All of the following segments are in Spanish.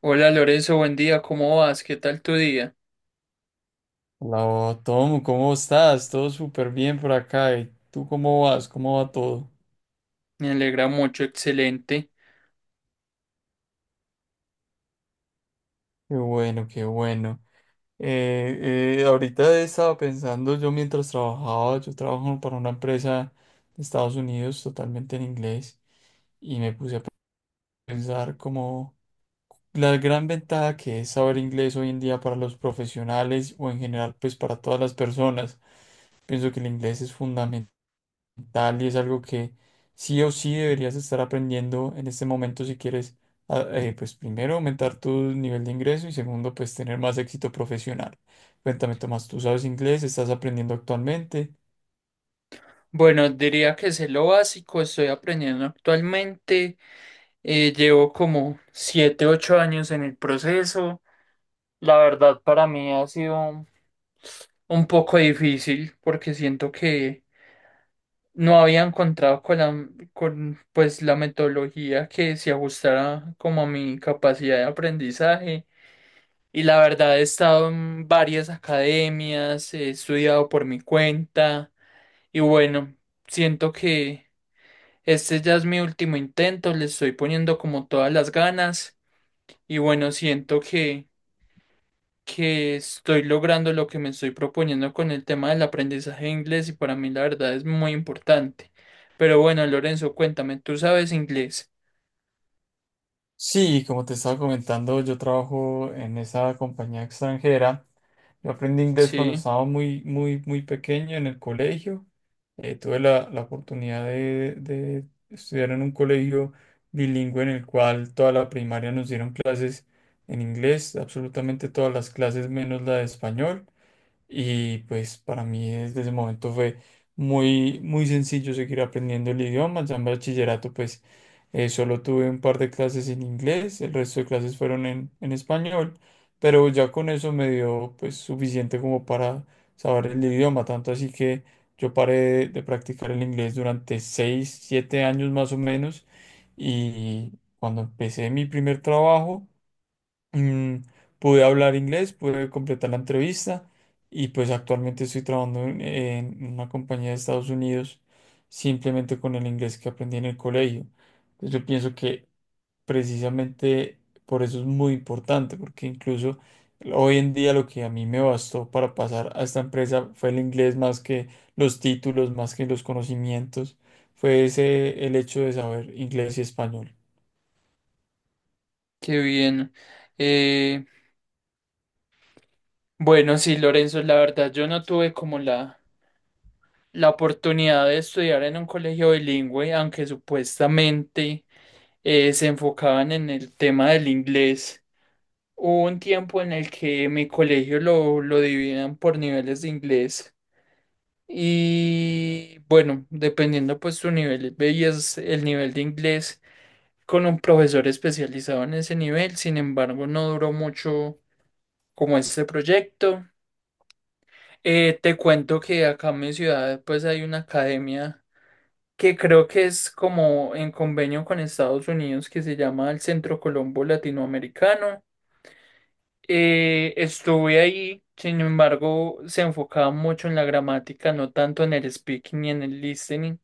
Hola Lorenzo, buen día, ¿cómo vas? ¿Qué tal tu día? Hola, Tom, ¿cómo estás? Todo súper bien por acá. ¿Y tú cómo vas? ¿Cómo va todo? Me alegra mucho, excelente. Qué bueno, qué bueno. Ahorita estaba pensando, yo mientras trabajaba, yo trabajo para una empresa de Estados Unidos totalmente en inglés y me puse a pensar como la gran ventaja que es saber inglés hoy en día para los profesionales o en general pues para todas las personas. Pienso que el inglés es fundamental tal y es algo que sí o sí deberías estar aprendiendo en este momento si quieres, pues primero aumentar tu nivel de ingreso y segundo, pues tener más éxito profesional. Cuéntame, Tomás, ¿tú sabes inglés? ¿Estás aprendiendo actualmente? Bueno, diría que sé lo básico, estoy aprendiendo actualmente. Llevo como 7, 8 años en el proceso. La verdad, para mí ha sido un poco difícil porque siento que no había encontrado con pues, la metodología que se ajustara como a mi capacidad de aprendizaje. Y la verdad he estado en varias academias, he estudiado por mi cuenta y bueno, siento que este ya es mi último intento, le estoy poniendo como todas las ganas y bueno, siento que estoy logrando lo que me estoy proponiendo con el tema del aprendizaje de inglés y para mí la verdad es muy importante. Pero bueno, Lorenzo, cuéntame, ¿tú sabes inglés? Sí, como te estaba comentando, yo trabajo en esa compañía extranjera. Yo aprendí inglés cuando Sí, estaba muy, muy, muy pequeño en el colegio. Tuve la oportunidad de estudiar en un colegio bilingüe en el cual toda la primaria nos dieron clases en inglés, absolutamente todas las clases menos la de español. Y pues para mí desde ese momento fue muy, muy sencillo seguir aprendiendo el idioma. Ya en bachillerato pues solo tuve un par de clases en inglés, el resto de clases fueron en español, pero ya con eso me dio pues suficiente como para saber el idioma, tanto así que yo paré de practicar el inglés durante seis, siete años más o menos y cuando empecé mi primer trabajo Mm, pude hablar inglés, pude completar la entrevista y pues actualmente estoy trabajando en una compañía de Estados Unidos simplemente con el inglés que aprendí en el colegio. Entonces yo pienso que precisamente por eso es muy importante, porque incluso hoy en día lo que a mí me bastó para pasar a esta empresa fue el inglés más que los títulos, más que los conocimientos, fue ese el hecho de saber inglés y español. qué bien. Eh, bueno, sí, Lorenzo, la verdad yo no tuve como la oportunidad de estudiar en un colegio bilingüe, aunque supuestamente se enfocaban en el tema del inglés. Hubo un tiempo en el que mi colegio lo dividían por niveles de inglés. Y bueno, dependiendo pues tu nivel, veías el nivel de inglés con un profesor especializado en ese nivel, sin embargo no duró mucho como este proyecto. Te cuento que acá en mi ciudad pues hay una academia que creo que es como en convenio con Estados Unidos, que se llama el Centro Colombo Latinoamericano. Estuve ahí, sin embargo se enfocaba mucho en la gramática, no tanto en el speaking ni en el listening.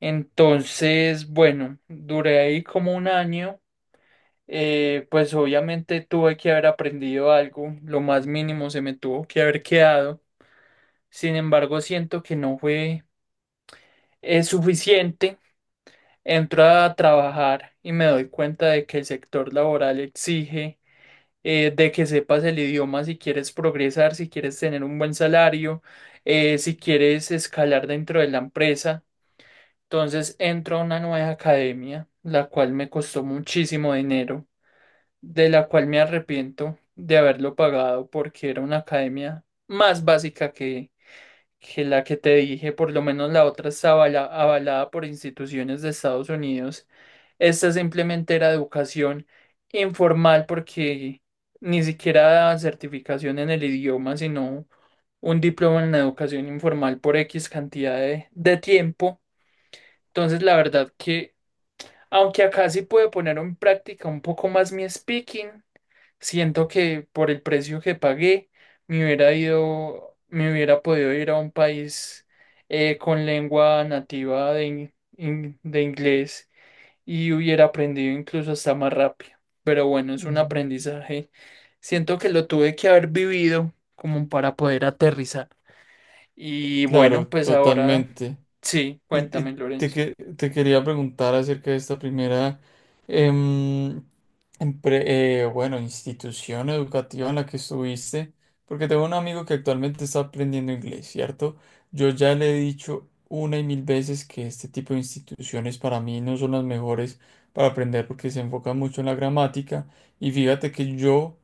Entonces, bueno, duré ahí como un año. Pues obviamente tuve que haber aprendido algo, lo más mínimo se me tuvo que haber quedado. Sin embargo, siento que no fue suficiente. Entro a trabajar y me doy cuenta de que el sector laboral exige de que sepas el idioma si quieres progresar, si quieres tener un buen salario, si quieres escalar dentro de la empresa. Entonces entro a una nueva academia, la cual me costó muchísimo dinero, de la cual me arrepiento de haberlo pagado porque era una academia más básica que la que te dije. Por lo menos la otra estaba avalada por instituciones de Estados Unidos. Esta simplemente era educación informal porque ni siquiera daban certificación en el idioma, sino un diploma en educación informal por X cantidad de tiempo. Entonces, la verdad que, aunque acá sí pude poner en práctica un poco más mi speaking, siento que por el precio que pagué, me hubiera ido, me hubiera podido ir a un país con lengua nativa de inglés y hubiera aprendido incluso hasta más rápido. Pero bueno, es un Mm. aprendizaje. Siento que lo tuve que haber vivido como para poder aterrizar. Y bueno, Claro, pues ahora totalmente. sí, cuéntame, Lorenzo. Te quería preguntar acerca de esta primera, em, institución educativa en la que estuviste, porque tengo un amigo que actualmente está aprendiendo inglés, ¿cierto? Yo ya le he dicho una y mil veces que este tipo de instituciones para mí no son las mejores para aprender porque se enfocan mucho en la gramática. Y fíjate que yo,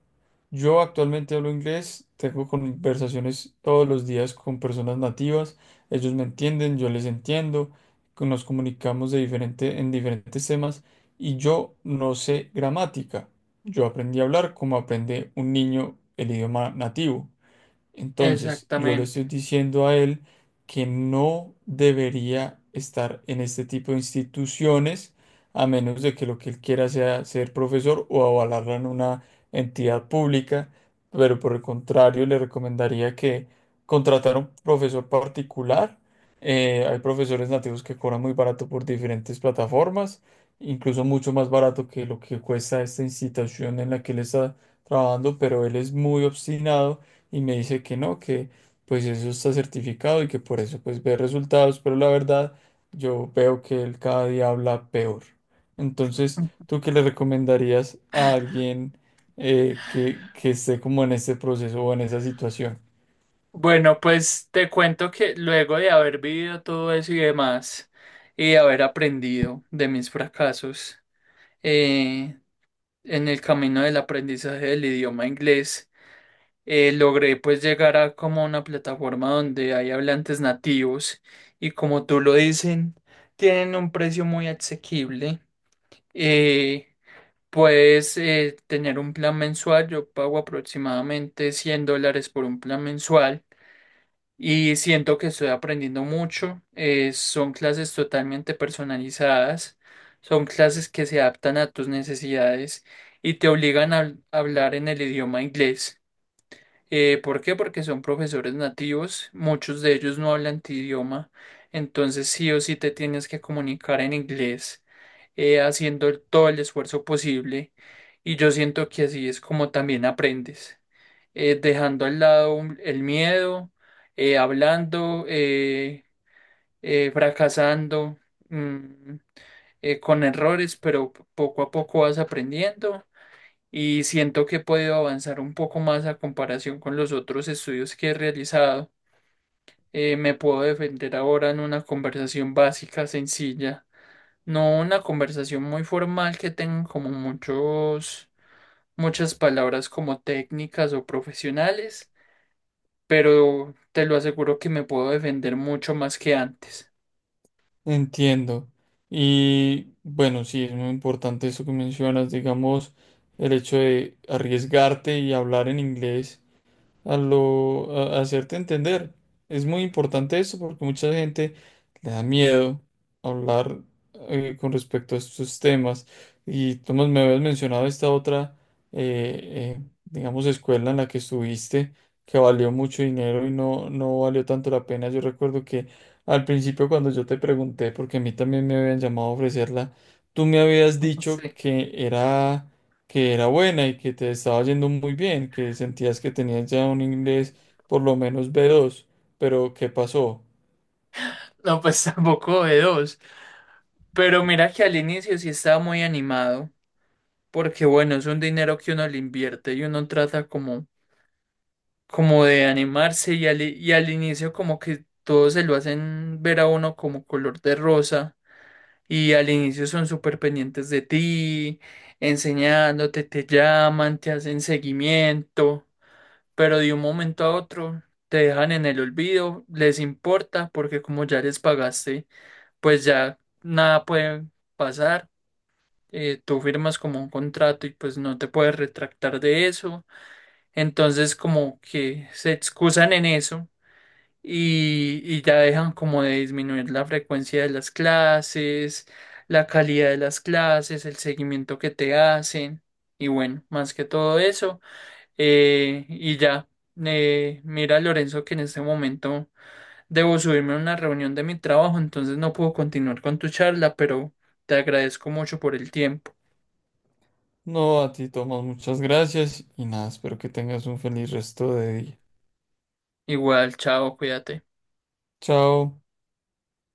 yo actualmente hablo inglés, tengo conversaciones todos los días con personas nativas, ellos me entienden, yo les entiendo, que nos comunicamos de diferente, en diferentes temas y yo no sé gramática. Yo aprendí a hablar como aprende un niño el idioma nativo. Entonces, yo le Exactamente. estoy diciendo a él que no debería estar en este tipo de instituciones, a menos de que lo que él quiera sea ser profesor o avalarlo en una entidad pública, pero por el contrario, le recomendaría que contratara un profesor particular. Hay profesores nativos que cobran muy barato por diferentes plataformas, incluso mucho más barato que lo que cuesta esta institución en la que él está trabajando, pero él es muy obstinado y me dice que no, que pues eso está certificado y que por eso pues ve resultados, pero la verdad yo veo que él cada día habla peor. Entonces, ¿tú qué le recomendarías a alguien que esté como en este proceso o en esa situación? Bueno, pues te cuento que luego de haber vivido todo eso y demás, y de haber aprendido de mis fracasos eh, en el camino del aprendizaje del idioma inglés, logré pues llegar a como una plataforma donde hay hablantes nativos y como tú lo dicen, tienen un precio muy asequible. Eh, Puedes tener un plan mensual, yo pago aproximadamente 100 dólares por un plan mensual y siento que estoy aprendiendo mucho. Son clases totalmente personalizadas, son clases que se adaptan a tus necesidades y te obligan a hablar en el idioma inglés. ¿Por qué? Porque son profesores nativos, muchos de ellos no hablan tu idioma, entonces sí o sí te tienes que comunicar en inglés, haciendo todo el esfuerzo posible, y yo siento que así es como también aprendes, dejando al lado el miedo, hablando, fracasando, mm, con errores, pero poco a poco vas aprendiendo y siento que he podido avanzar un poco más a comparación con los otros estudios que he realizado. Me puedo defender ahora en una conversación básica, sencilla, no una conversación muy formal que tenga como muchas palabras como técnicas o profesionales, pero te lo aseguro que me puedo defender mucho más que antes. Entiendo. Y bueno, sí, es muy importante eso que mencionas, digamos, el hecho de arriesgarte y hablar en inglés a hacerte entender. Es muy importante eso porque mucha gente le da miedo hablar con respecto a estos temas. Y Tomás, me habías mencionado esta otra, digamos, escuela en la que estuviste, que valió mucho dinero y no, no valió tanto la pena. Yo recuerdo que al principio cuando yo te pregunté, porque a mí también me habían llamado a ofrecerla, tú me habías dicho Sí. Que era buena y que te estaba yendo muy bien, que sentías que tenías ya un inglés por lo menos B2, pero ¿qué pasó? No, pues tampoco de dos. Pero mira que al inicio sí estaba muy animado, porque bueno, es un dinero que uno le invierte y uno trata como de animarse, y y al inicio como que todos se lo hacen ver a uno como color de rosa, y al inicio son súper pendientes de ti, enseñándote, te llaman, te hacen seguimiento. Pero de un momento a otro te dejan en el olvido, les importa porque como ya les pagaste, pues ya nada puede pasar. Tú firmas como un contrato y pues no te puedes retractar de eso. Entonces como que se excusan en eso y ya dejan como de disminuir la frecuencia de las clases, la calidad de las clases, el seguimiento que te hacen y bueno, más que todo eso. Y ya, mira Lorenzo, que en este momento debo subirme a una reunión de mi trabajo, entonces no puedo continuar con tu charla, pero te agradezco mucho por el tiempo. No, a ti, Tomás, muchas gracias y nada, espero que tengas un feliz resto de día. Igual, chao, cuídate. Chao.